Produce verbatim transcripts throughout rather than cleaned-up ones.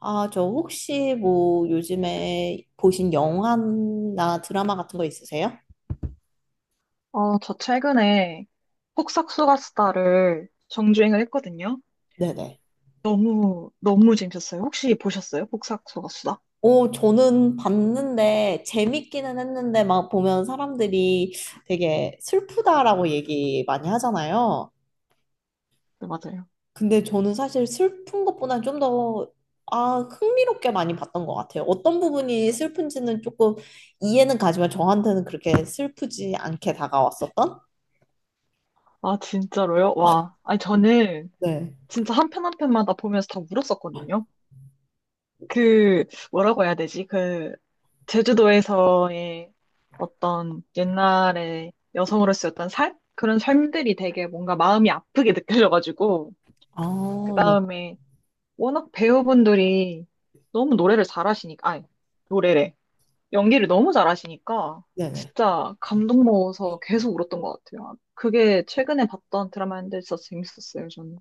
아, 저 혹시 뭐 요즘에 보신 영화나 드라마 같은 거 있으세요? 어, 저 최근에 폭삭소가수다를 정주행을 했거든요. 네네. 너무, 너무 재밌었어요. 혹시 보셨어요? 폭삭소가수다? 오, 저는 봤는데 재밌기는 했는데 막 보면 사람들이 되게 슬프다라고 얘기 많이 하잖아요. 네, 맞아요. 근데 저는 사실 슬픈 것보다 좀 더, 아, 흥미롭게 많이 봤던 것 같아요. 어떤 부분이 슬픈지는 조금 이해는 가지만 저한테는 그렇게 슬프지 않게 다가왔었던? 아, 진짜로요? 와. 아니, 저는 네. 진짜 한 편 한 편마다 보면서 다 울었었거든요. 그, 뭐라고 해야 되지? 그, 제주도에서의 어떤 옛날에 여성으로서의 어떤 삶? 그런 삶들이 되게 뭔가 마음이 아프게 느껴져가지고, 그 아, 네. 다음에 워낙 배우분들이 너무 노래를 잘하시니까, 아니, 노래래. 연기를 너무 잘하시니까, 네네. 진짜 감동 먹어서 계속 울었던 것 같아요. 아, 그게 최근에 봤던 드라마인데 진짜 재밌었어요, 저는.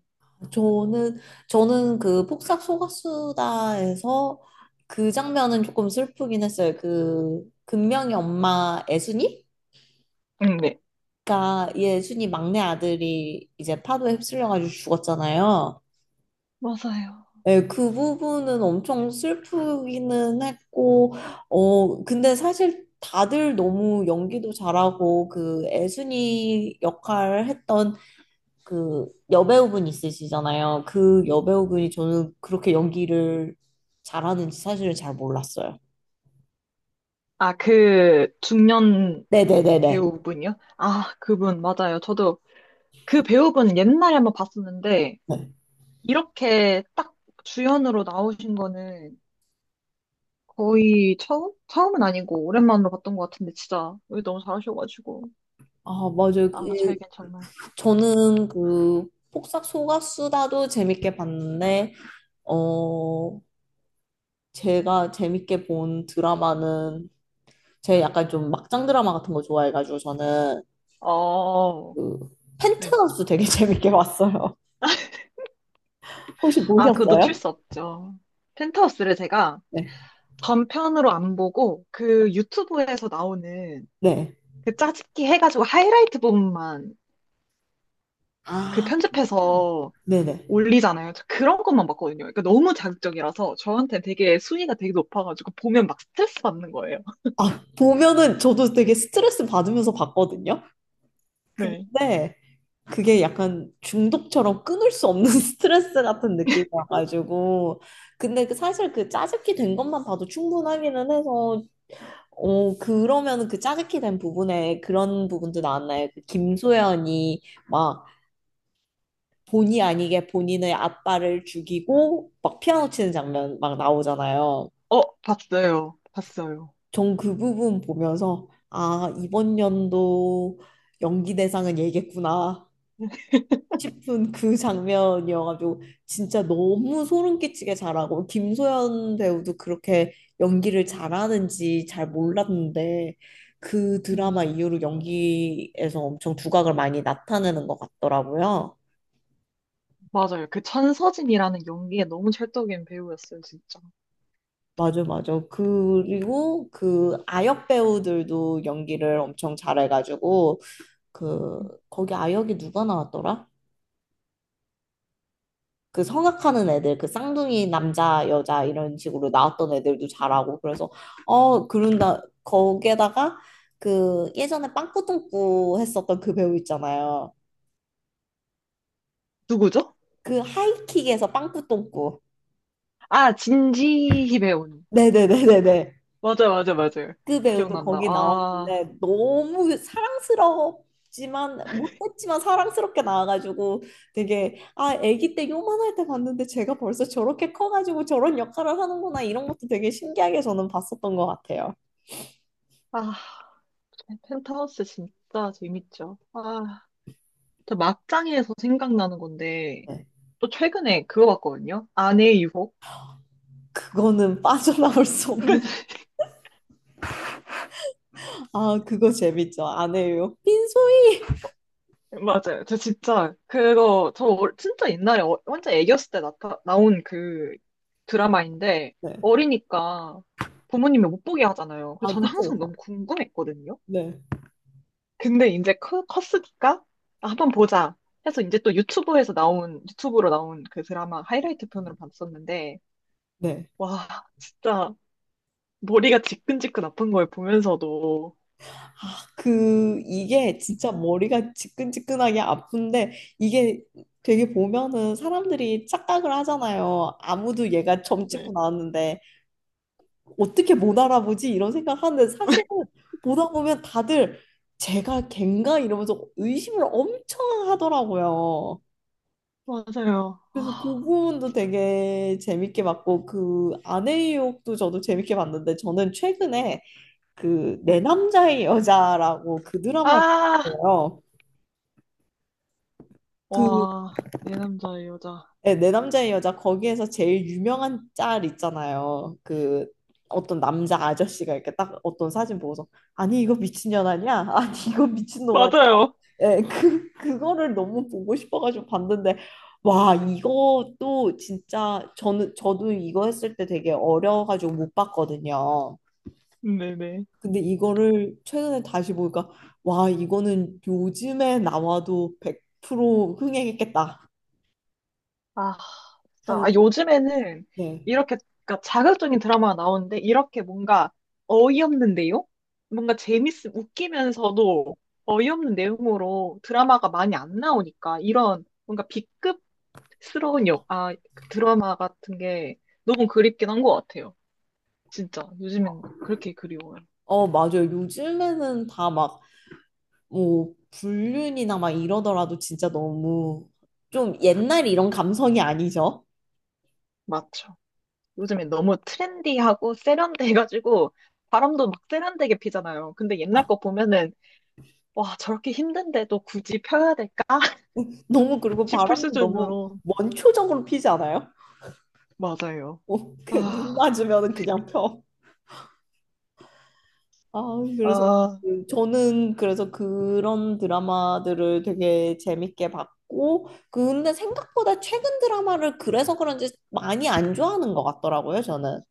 저는 저는 그 폭삭 소가수다에서 그 장면은 조금 슬프긴 했어요. 그 금명이 엄마 애순이 응, 네. 가 예순이 막내 아들이 이제 파도에 휩쓸려가지고 죽었잖아요. 맞아요. 예, 그 부분은 엄청 슬프기는 했고, 어, 근데 사실 다들 너무 연기도 잘하고, 그 애순이 역할 했던 그 여배우분 있으시잖아요. 그 여배우분이 저는 그렇게 연기를 잘하는지 사실은 잘 몰랐어요. 아, 그 중년 네네네네. 배우분이요? 아, 그분, 맞아요. 저도 그 배우분 옛날에 한번 봤었는데, 네. 이렇게 딱 주연으로 나오신 거는 거의 처음? 처음은 아니고, 오랜만으로 봤던 것 같은데, 진짜, 왜 너무 잘하셔가지고. 아, 맞아요. 그, 아, 저에겐 정말. 저는 그 폭삭 소가수다도 재밌게 봤는데, 어, 제가 재밌게 본 드라마는 제 약간 좀 막장 드라마 같은 거 좋아해가지고 저는 어, 그 네. 펜트하우스 되게 재밌게 봤어요. 혹시 아, 그거 놓칠 보셨어요? 수 없죠. 펜트하우스를 제가 네. 전편으로 안 보고 그 유튜브에서 나오는 네. 그 짜집기 해가지고 하이라이트 부분만 그 아, 편집해서 네네. 올리잖아요. 저 그런 것만 봤거든요. 그러니까 너무 자극적이라서 저한테 되게 순위가 되게 높아가지고 보면 막 스트레스 받는 거예요. 아, 보면은 저도 되게 스트레스 받으면서 봤거든요. 네. 근데 그게 약간 중독처럼 끊을 수 없는 스트레스 같은 느낌이 와가지고. 근데 그 사실 그 짜깁기 된 것만 봐도 충분하기는 해서, 어, 그러면은 그 짜깁기 된 부분에 그런 부분도 나왔나요? 그 김소연이 막 본의 아니게 본인의 아빠를 죽이고 막 피아노 치는 장면 막 나오잖아요. 어, 봤어요. 봤어요. 전 그 부분 보면서 아, 이번 연도 연기 대상은 얘겠구나 싶은 그 장면이어가지고 진짜 너무 소름 끼치게 잘하고 김소연 배우도 그렇게 연기를 잘하는지 잘 몰랐는데 그 드라마 음, 이후로 연기에서 엄청 두각을 많이 나타내는 것 같더라고요. 맞아요. 그 천서진이라는 연기에 너무 찰떡인 배우였어요, 진짜. 맞아, 맞아. 그리고 그 아역 배우들도 연기를 엄청 잘해가지고 그 거기 아역이 누가 나왔더라? 그 성악하는 애들, 그 쌍둥이 남자, 여자 이런 식으로 나왔던 애들도 잘하고 그래서 어 그런다 거기에다가 그 예전에 빵꾸똥꾸 했었던 그 배우 있잖아요. 누구죠? 그 하이킥에서 빵꾸똥꾸. 아, 진지 배우님 네네네네네. 맞아요, 맞아요, 맞아요. 그 배우도 기억난다. 거기 아, 나왔는데 너무 사랑스럽지만 못했지만 사랑스럽게 나와가지고 되게 아 아기 때 요만할 때 봤는데 제가 벌써 저렇게 커가지고 저런 역할을 하는구나 이런 것도 되게 신기하게 저는 봤었던 것 같아요. 아, 펜트하우스 진짜 재밌죠. 아, 저 막장에서 생각나는 건데, 네. 또 최근에 그거 봤거든요. 아내의 유혹. 그거는 빠져나올 수 없는. 아, 그거 재밌죠. 안 해요. 빈소이. 맞아요. 저 진짜 그거 저 어- 진짜 옛날에 어- 혼자 애기였을 때 나타 나온 그 드라마인데 네. 어리니까 부모님이 못 보게 하잖아요. 그래서 아, 저는 그쵸. 항상 그쵸. 너무 궁금했거든요. 네. 근데 이제 커, 컸으니까 아, 한번 보자 해서 이제 또 유튜브에서 나온 유튜브로 나온 그 드라마 하이라이트 편으로 봤었는데 네. 와 진짜 머리가 지끈지끈 아픈 걸 보면서도 그, 이게 진짜 머리가 지끈지끈하게 아픈데, 이게 되게 보면은 사람들이 착각을 하잖아요. 아무도 얘가 점 찍고 네 나왔는데, 어떻게 못 알아보지? 이런 생각하는데, 사실은 보다 보면 다들 제가 걘가? 이러면서 의심을 엄청 하더라고요. 맞아요 아, 그래서 그 부분도 되게 재밌게 봤고 그 아내의 유혹도 저도 재밌게 봤는데 저는 최근에 그 내 네. 남자의 여자라고 그 드라마를 아, 봤어요. 그 와, 내 남자 의 여자 네, 내 남자의 여자 거기에서 제일 유명한 짤 있잖아요. 그 어떤 남자 아저씨가 이렇게 딱 어떤 사진 보고서 아니 이거 미친년 아니야? 아니 이거 미친놈 맞아요 예, 그, 그거를 너무 보고 싶어가지고 봤는데, 와, 이것도 진짜, 저는, 저도 이거 했을 때 되게 어려워가지고 못 봤거든요. 네네 근데 이거를 최근에 다시 보니까, 와, 이거는 요즘에 나와도 백 프로 흥행했겠다 아, 진짜. 하는, 아, 요즘에는 네. 이렇게, 그러니까 자극적인 드라마가 나오는데, 이렇게 뭔가 어이없는 내용? 뭔가 재밌, 웃기면서도 어이없는 내용으로 드라마가 많이 안 나오니까, 이런 뭔가 B급스러운 역, 아, 그 드라마 같은 게 너무 그립긴 한 것 같아요. 진짜. 요즘엔 그렇게 그리워요. 어, 맞아요. 요즘에는 다 막, 뭐, 불륜이나 막 이러더라도 진짜 너무 좀 옛날 이런 감성이 아니죠? 맞죠. 요즘엔 너무 트렌디하고 세련돼가지고, 바람도 막 세련되게 피잖아요. 근데 옛날 거 보면은, 와, 저렇게 힘든데도 굳이 펴야 될까? 너무 그리고 싶을 바람도 너무 수준으로. 원초적으로 피지 않아요? 맞아요. 어, 그, 눈 아, 맞으면 그냥 펴. 아, 그래서 아, 그- 저는 그래서 그런 드라마들을 되게 재밌게 봤고, 근데 생각보다 최근 드라마를 그래서 그런지 많이 안 좋아하는 것 같더라고요, 저는.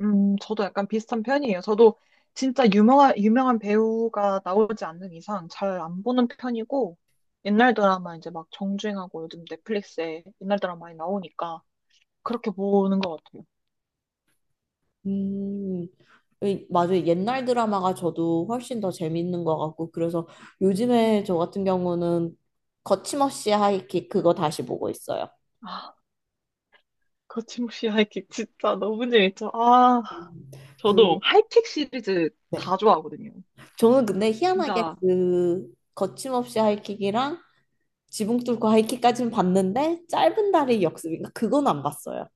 음, 저도 약간 비슷한 편이에요. 저도 진짜 유명한, 유명한 배우가 나오지 않는 이상 잘 안 보는 편이고, 옛날 드라마 이제 막 정주행하고 요즘 넷플릭스에 옛날 드라마 많이 나오니까 그렇게 보는 것 같아요. 음, 이- 맞아요. 옛날 드라마가 저도 훨씬 더 재밌는 것 같고, 그래서 요즘에 저 같은 경우는 거침없이 하이킥 그거 다시 보고 있어요. 아, 거침없이 하이킥 진짜 너무 재밌죠. 아, 음, 그, 저도 하이킥 시리즈 네. 다 좋아하거든요. 저는 근데 희한하게 진짜 그 거침없이 하이킥이랑 지붕 뚫고 하이킥까지는 봤는데 짧은 다리 역습인가? 그건 안 봤어요.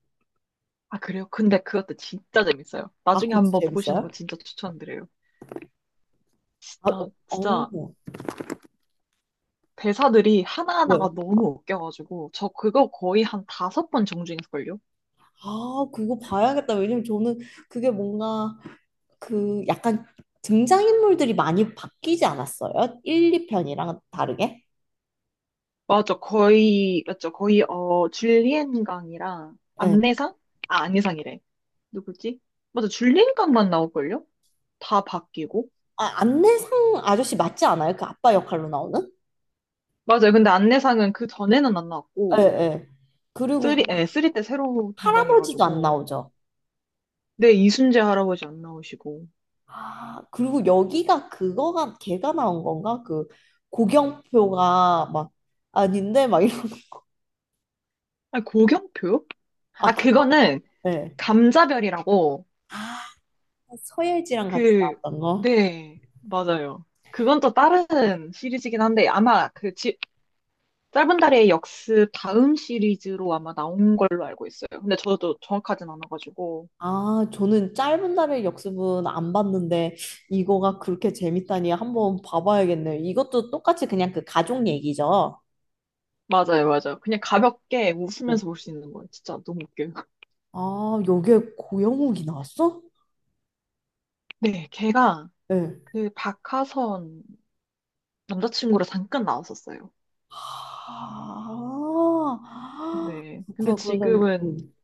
아, 그래요? 근데 그것도 진짜 재밌어요. 아, 나중에 그것도 한번 보시는 거 재밌어요? 진짜 추천드려요. 아, 어, 진짜, 진짜 어, 대사들이 하나하나가 네. 너무 웃겨가지고, 저 그거 거의 한 다섯 번 정주행했걸요? 아, 그거 봐야겠다. 왜냐면 저는 그게 뭔가 그 약간 등장인물들이 많이 바뀌지 않았어요? 일, 이 편이랑 다르게? 맞죠. 거의, 맞죠. 거의, 어, 줄리엔강이랑 예. 안내상? 아, 안내상이래. 누구지? 맞아. 줄리엔강만 나올걸요? 다 바뀌고. 아, 안내상 아저씨 맞지 않아요? 그 아빠 역할로 나오는? 맞아요. 근데 안내상은 그 전에는 안 예, 나왔고, 예. 그리고 쓰리, 그 예, 쓰리 때 새로 할아버지도 안 등장해가지고. 나오죠. 네, 이순재 할아버지 안 나오시고. 아, 그리고 여기가 그거가 걔가 나온 건가? 그 고경표가 막 아닌데 막 이런 아니, 고경표요? 아 아, 그거 그거는 네. 감자별이라고, 아 서예지랑 같이 그, 나왔던 거. 네, 맞아요. 그건 또 다른 시리즈긴 한데, 아마 그 지- 짧은 달의 역습 다음 시리즈로 아마 나온 걸로 알고 있어요. 근데 저도 정확하진 않아가지고. 아 저는 짧은 날의 역습은 안 봤는데 이거가 그렇게 재밌다니 한번 봐봐야겠네요. 이것도 똑같이 그냥 그 가족 얘기죠. 맞아요, 맞아요. 그냥 가볍게 어. 웃으면서 볼 수 있는 거예요. 진짜 너무 웃겨요. 아 여기에 고영욱이 나왔어? 네, 걔가 네. 그 박하선 남자친구로 잠깐 나왔었어요. 아, 아, 네. 근데 그렇구나. 그런다면. 지금은, 음.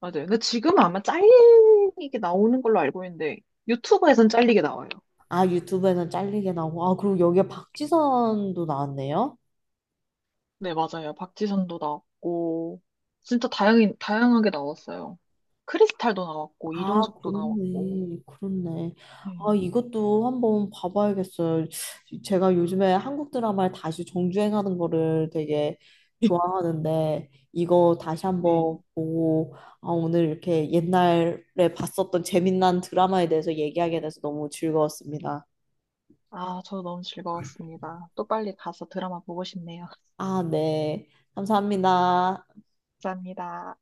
맞아요. 근데 지금은 아마 잘리게 나오는 걸로 알고 있는데, 유튜브에선 잘리게 나와요. 아, 유튜브에는 잘리게 나오고. 아, 그리고 여기에 박지선도 나왔네요. 네, 맞아요. 박지선도 나왔고, 진짜 다양히, 다양하게 나왔어요. 크리스탈도 나왔고, 아, 이종석도 나왔고. 그렇네. 그렇네. 네. 아, 이것도 한번 봐봐야겠어요. 제가 요즘에 한국 드라마를 다시 정주행하는 거를 되게 좋아하는데, 이거 다시 한번 네. 보고, 아, 오늘 이렇게 옛날에 봤었던 재밌는 드라마에 대해서 얘기하게 돼서 너무 즐거웠습니다. 아, 저 너무 즐거웠습니다. 또 빨리 가서 드라마 보고 싶네요. 아, 네. 감사합니다. 감사합니다.